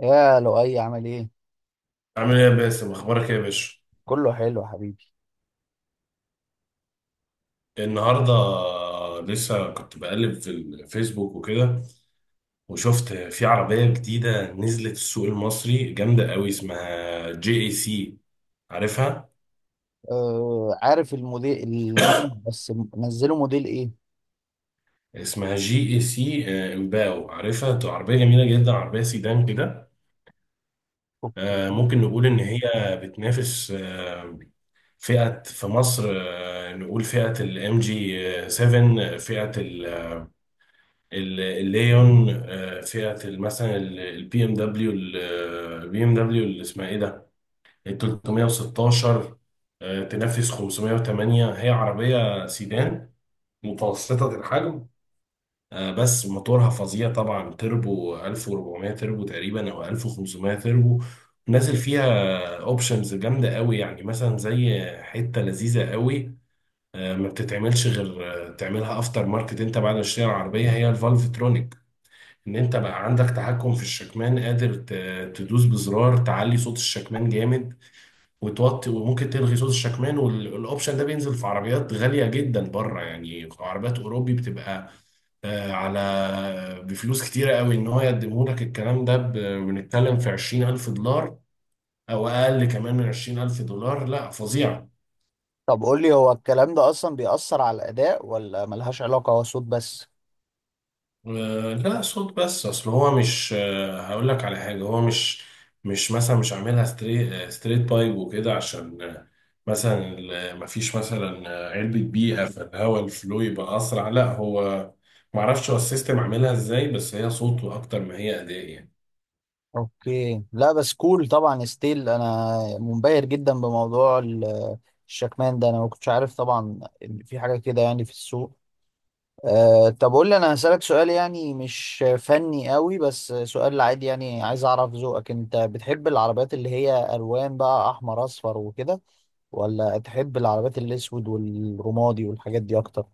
يا لؤي، عامل ايه؟ عامل ايه يا باسم، اخبارك ايه يا باشا؟ كله حلو يا حبيبي. النهارده لسه كنت بقلب في الفيسبوك وكده، وشفت في عربيه جديده نزلت السوق المصري جامده قوي اسمها جي اي سي. عارفها؟ آه، عارف الموديل. النوم بس نزله موديل ايه؟ اسمها جي اي سي. امباو عارفها، دي عربيه جميله جدا، عربيه سيدان كده. اوكي. ممكن نقول ان هي بتنافس فئه في مصر. نقول فئه الام جي 7، فئه الليون. فئة مثلا البي ام دبليو اللي اسمها ايه ده، ال 316. تنافس 508. هي عربية سيدان متوسطة الحجم. بس موتورها فظيع طبعا، تربو 1400 تربو تقريبا او 1500 تربو نازل فيها. اوبشنز جامدة قوي، يعني مثلا زي حتة لذيذة قوي ما بتتعملش غير تعملها افتر ماركت انت بعد ما تشتري العربية، هي الفالفترونيك ان انت بقى عندك تحكم في الشكمان، قادر تدوس بزرار تعلي صوت الشكمان جامد وتوطي، وممكن تلغي صوت الشكمان. والاوبشن ده بينزل في عربيات غالية جدا بره، يعني عربيات اوروبي بتبقى على بفلوس كتيرة قوي ان هو يقدمه لك. الكلام ده بنتكلم في $20000 او اقل كمان من $20000. لا فظيعة. طب قول لي، هو الكلام ده اصلا بيأثر على الاداء ولا ملهاش علاقة، هو صوت بس؟ لا صوت بس، اصل هو مش هقول لك على حاجه، هو مش مثلا مش عاملها ستريت بايب وكده، عشان مثلا مفيش مثلا علبه بيئه، فالهواء الفلو يبقى اسرع. لا هو معرفش هو السيستم عاملها ازاي، بس هي صوت اكتر ما هي اداء يعني. اوكي، لا بس كول طبعا. ستيل انا منبهر جدا بموضوع الشكمان ده. انا ما كنتش عارف طبعا ان في حاجة كده، يعني في السوق. أه طب قول لي، انا هسألك سؤال يعني مش فني قوي، بس سؤال عادي يعني عايز اعرف ذوقك. انت بتحب العربيات اللي هي الوان بقى، احمر اصفر وكده، ولا تحب العربيات الاسود والرمادي والحاجات دي اكتر؟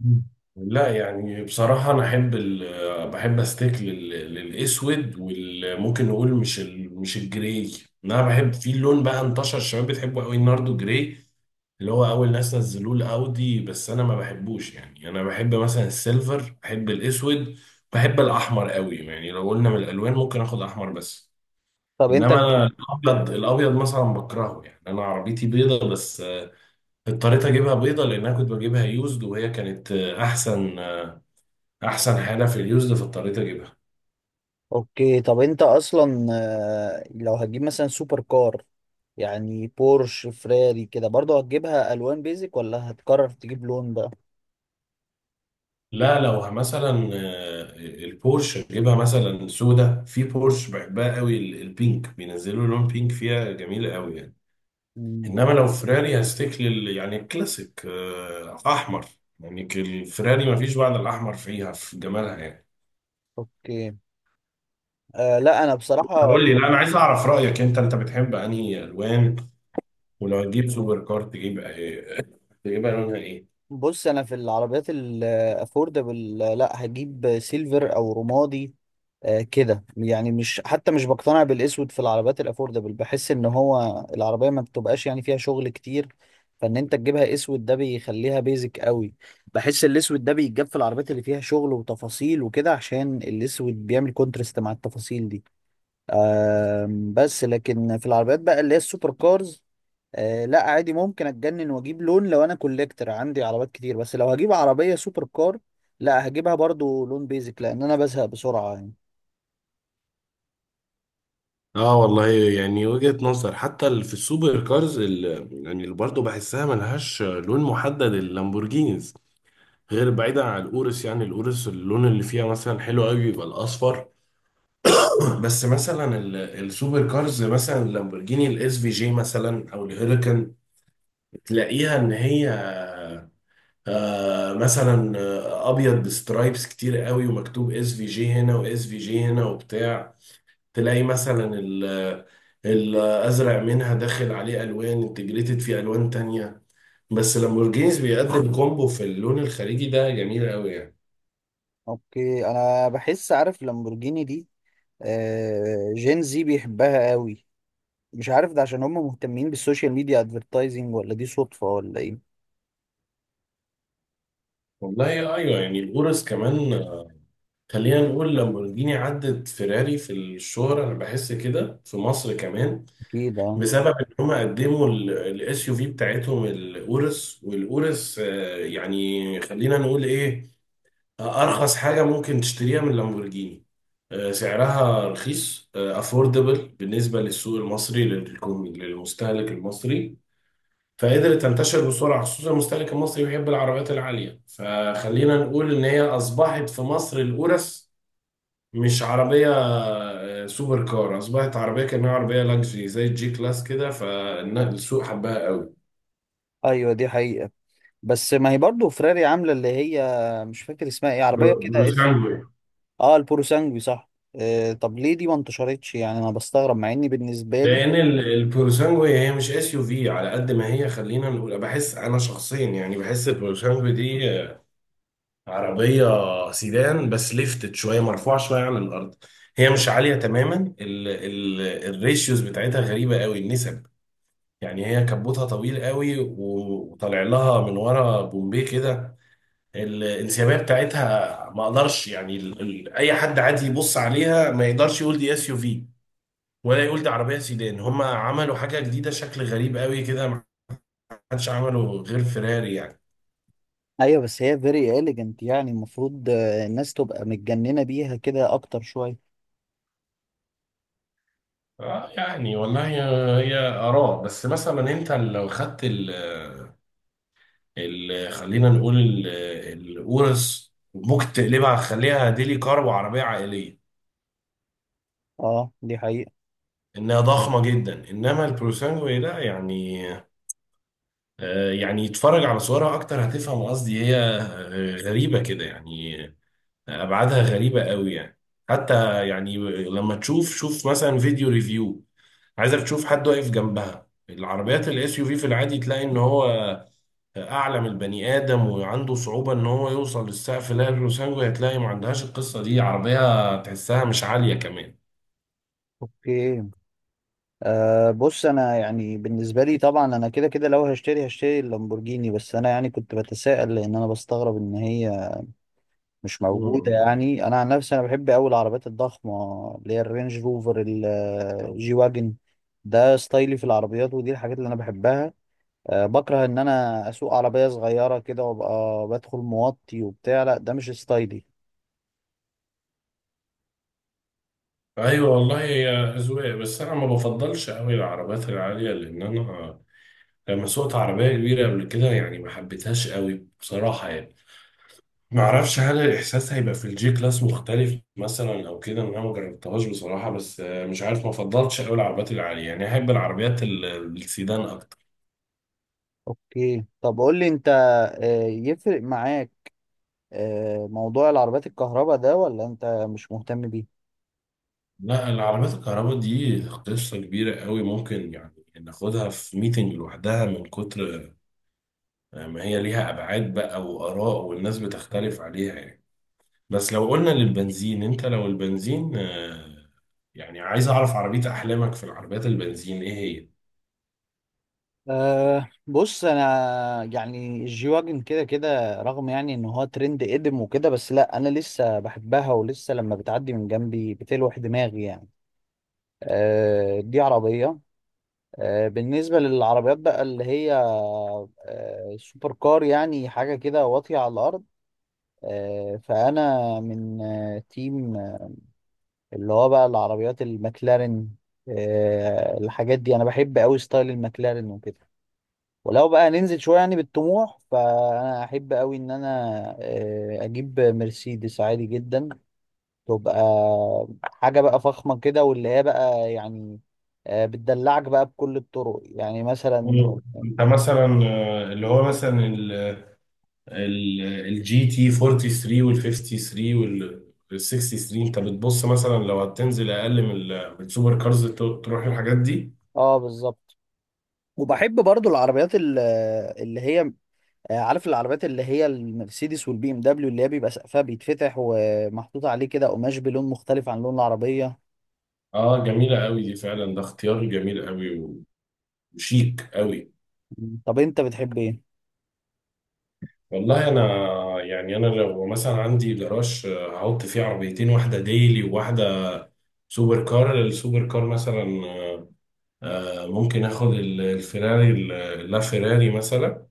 مم. لا يعني بصراحة، أنا أحب ال بحب أستيك للأسود، وممكن نقول مش ال مش الجراي. أنا بحب في لون بقى انتشر الشباب بتحبه أوي، الناردو جراي، اللي هو أول ناس نزلوه الأودي، بس أنا ما بحبوش. يعني أنا بحب مثلا السيلفر، بحب الأسود، بحب الأحمر أوي. يعني لو قلنا من الألوان ممكن آخد أحمر بس. طب انت إنما أنا الأبيض مثلا بكرهه. يعني أنا عربيتي بيضة، بس اضطريت اجيبها بيضه لان انا كنت بجيبها يوزد، وهي كانت احسن احسن حاجه في اليوزد في الطريق اجيبها. اوكي. طب انت اصلا لو هتجيب مثلا سوبر كار، يعني بورش فراري كده، برضه هتجيبها الوان بيزك ولا هتقرر تجيب لون بقى؟ لا لو مثلا البورش اجيبها مثلا سودا، في بورش بحبها قوي البينك، بينزلوا لون بينك فيها جميله قوي يعني. مم. انما لو فراري هستيك لل، يعني الكلاسيك، احمر، يعني الفراري ما فيش بعد الاحمر فيها في جمالها يعني. اوكي. لا انا بصراحة. قول لي، لا انا عايز اعرف رايك انت، انت بتحب انهي الوان؟ ولو هتجيب سوبر كار تجيب تجيبها لونها ايه؟ بص، انا في العربيات الافوردبل لا هجيب سيلفر او رمادي. كده يعني، مش حتى مش بقتنع بالاسود في العربيات الافوردبل. بحس ان هو العربيه ما بتبقاش يعني فيها شغل كتير، فان انت تجيبها اسود ده بيخليها بيزك قوي. بحس الاسود ده بيتجاب في العربيات اللي فيها شغل وتفاصيل وكده، عشان الاسود بيعمل كونترست مع التفاصيل دي. بس لكن في العربيات بقى اللي هي السوبر كارز، لا عادي ممكن اتجنن واجيب لون. لو انا كوليكتر عندي عربيات كتير، بس لو هجيب عربية سوبر كار لا هجيبها برضو لون بيزك، لان انا بزهق بسرعة يعني. اه والله يعني وجهة نظر. حتى في السوبر كارز يعني اللي برضه بحسها ملهاش لون محدد، اللامبورجينيز، مم. غير بعيدا عن الاورس، يعني الاورس اللون اللي فيها مثلا حلو قوي بيبقى الاصفر. بس مثلا السوبر كارز مثلا، اللامبورجيني الاس في جي مثلا او الهيريكان، تلاقيها ان هي مثلا ابيض بسترايبس كتير قوي، ومكتوب اس في جي هنا واس في جي هنا وبتاع. تلاقي مثلا الازرق منها داخل عليه الوان، انتجريتد فيه الوان تانية. بس لامبورجينيز بيقدم كومبو في اللون الخارجي ده جميل قوي يعني. اوكي. انا بحس، عارف لامبورجيني دي؟ آه جين زي بيحبها قوي. مش عارف ده عشان هم مهتمين بالسوشيال ميديا ادفرتايزنج، ولا دي صدفة ولا ايه. والله ايوه، يعني الغرز كمان. خلينا نقول لامبورجيني عدت فيراري في الشهرة، انا بحس كده في مصر كمان، اكيد، اه. بسبب ان هم قدموا الاس يو في بتاعتهم الاورس. والاورس يعني خلينا نقول ايه، ارخص حاجه ممكن تشتريها من لامبورجيني. سعرها رخيص، افوردبل بالنسبه للسوق المصري، للمستهلك المصري، فقدرت تنتشر بسرعه. خصوصا المستهلك المصري بيحب العربيات العاليه، فخلينا نقول ان هي اصبحت في مصر، الاورس، مش عربيه سوبر كار، اصبحت عربيه كانها عربيه لاكجري زي الجي كلاس كده، فالسوق حبها قوي. ايوه دي حقيقة. بس ما هي برضو فراري عاملة اللي هي، مش فاكر اسمها ايه، عربية كده اس. بروسانجو. اه، البورو سانجوي، صح. آه طب ليه دي ما انتشرتش؟ يعني انا بستغرب، مع اني بالنسبه لي. لان البورسانجو هي مش اس يو في على قد ما هي. خلينا نقول، بحس انا شخصيا، يعني بحس البورسانجو دي عربيه سيدان بس ليفتت شويه، مرفوعه شويه عن الارض. هي مش عاليه تماما. ال الريشيوز بتاعتها غريبه قوي، النسب، يعني هي كبوتها طويل قوي وطالع لها من ورا بومبيه كده. الانسيابيه بتاعتها ما اقدرش يعني ال ال اي حد عادي يبص عليها ما يقدرش يقول دي اس يو في، ولا يقول دي عربية سيدان. هم عملوا حاجة جديدة شكل غريب قوي كده، ما حدش عمله غير فيراري يعني. ايوه بس هي فيري اليجنت، يعني المفروض الناس تبقى متجننه بيها كده اكتر شويه. يعني والله، هي آراء. بس مثلا أنت لو خدت ال ال خلينا نقول الأورس، ممكن تقلبها تخليها ديلي كار وعربية عائلية، اه دي حقيقه. إنها ضخمة جدا. إنما البروسانجو ده يعني، يعني يتفرج على صورها أكتر هتفهم قصدي، هي غريبة كده يعني، ابعادها غريبه قوي يعني. حتى يعني لما تشوف، شوف مثلا فيديو ريفيو، عايزك تشوف حد واقف جنبها. العربيات الاس يو في في العادي تلاقي ان هو اعلى من البني ادم وعنده صعوبه ان هو يوصل للسقف. لا الروسانجو هتلاقي ما عندهاش القصه دي، عربيه تحسها مش عاليه كمان. اوكي. بص انا، يعني بالنسبه لي طبعا انا كده كده لو هشتري هشتري اللامبورجيني. بس انا يعني كنت بتساءل لان انا بستغرب ان هي مش موجوده. مم. يعني انا عن نفسي انا بحب قوي العربيات الضخمه، اللي هي الرينج روفر، الجي واجن. ده ستايلي في العربيات، ودي الحاجات اللي انا بحبها. بكره ان انا اسوق عربيه صغيره كده، وابقى بدخل موطي وبتاع. لا ده مش ستايلي. ايوه والله يا اذواق. بس انا ما بفضلش قوي العربيات العاليه، لان انا لما سوقت عربيه كبيره قبل كده يعني ما حبيتهاش قوي بصراحه يعني. ما اعرفش هل الاحساس هيبقى في الجي كلاس مختلف مثلا او كده، إن انا ما جربتهاش بصراحه، بس مش عارف، ما فضلتش قوي العربيات العاليه، يعني احب العربيات السيدان اكتر. اوكي طب قول لي انت، يفرق معاك موضوع العربيات الكهرباء ده، ولا انت مش مهتم بيه؟ لا العربيات الكهرباء دي قصه كبيره قوي، ممكن يعني ناخدها في ميتنج لوحدها، من كتر ما هي ليها ابعاد بقى واراء والناس بتختلف عليها يعني. بس لو قلنا للبنزين، انت لو البنزين يعني عايز اعرف عربيه احلامك في العربيات البنزين ايه هي؟ أه بص، انا يعني الجي واجن كده كده، رغم يعني ان هو ترند قدم وكده، بس لا انا لسه بحبها، ولسه لما بتعدي من جنبي بتلوح دماغي يعني. أه دي عربية. بالنسبة للعربيات بقى اللي هي سوبر كار، يعني حاجة كده واطية على الأرض، فأنا من تيم اللي هو بقى العربيات المكلارين. الحاجات دي أنا بحب أوي ستايل المكلارين وكده. ولو بقى ننزل شوية يعني بالطموح، فأنا أحب أوي إن أنا أجيب مرسيدس عادي جدا، تبقى حاجة بقى فخمة كده، واللي هي بقى يعني بتدلعك بقى بكل الطرق، يعني مثلا. مم. انت مثلا اللي هو مثلا الجي تي 43 وال 53 وال 63، انت بتبص مثلا لو هتنزل اقل من من السوبر كارز تروح الحاجات دي. اه بالظبط. وبحب برضو العربيات اللي هي عارف العربيات اللي هي المرسيدس والبي ام دبليو، اللي هي بيبقى سقفها بيتفتح ومحطوط عليه كده قماش بلون مختلف عن لون العربية؟ اه جميله قوي دي فعلا، ده اختيار جميل قوي وشيك قوي. مم. طب انت بتحب ايه؟ والله انا يعني، انا لو مثلا عندي جراج، هحط فيه عربيتين، واحده ديلي وواحده سوبر كار. السوبر كار مثلا ممكن اخد الفيراري لا فيراري مثلا.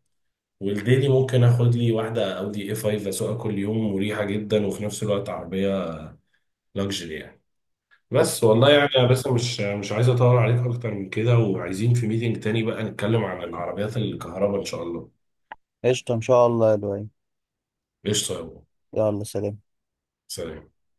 والديلي ممكن اخد لي واحده اودي اي 5، اسوقها كل يوم مريحه جدا، وفي نفس الوقت عربيه لوكسجري يعني. بس والله اوكي. يعني، يا بس مش عايز اطول عليك اكتر من كده، وعايزين في ميتنج تاني بقى نتكلم عن العربيات الكهرباء ان شاء الله. قشطة ان شاء الله يا لؤي. قشطه يا أبو. يلا سلام. سلام.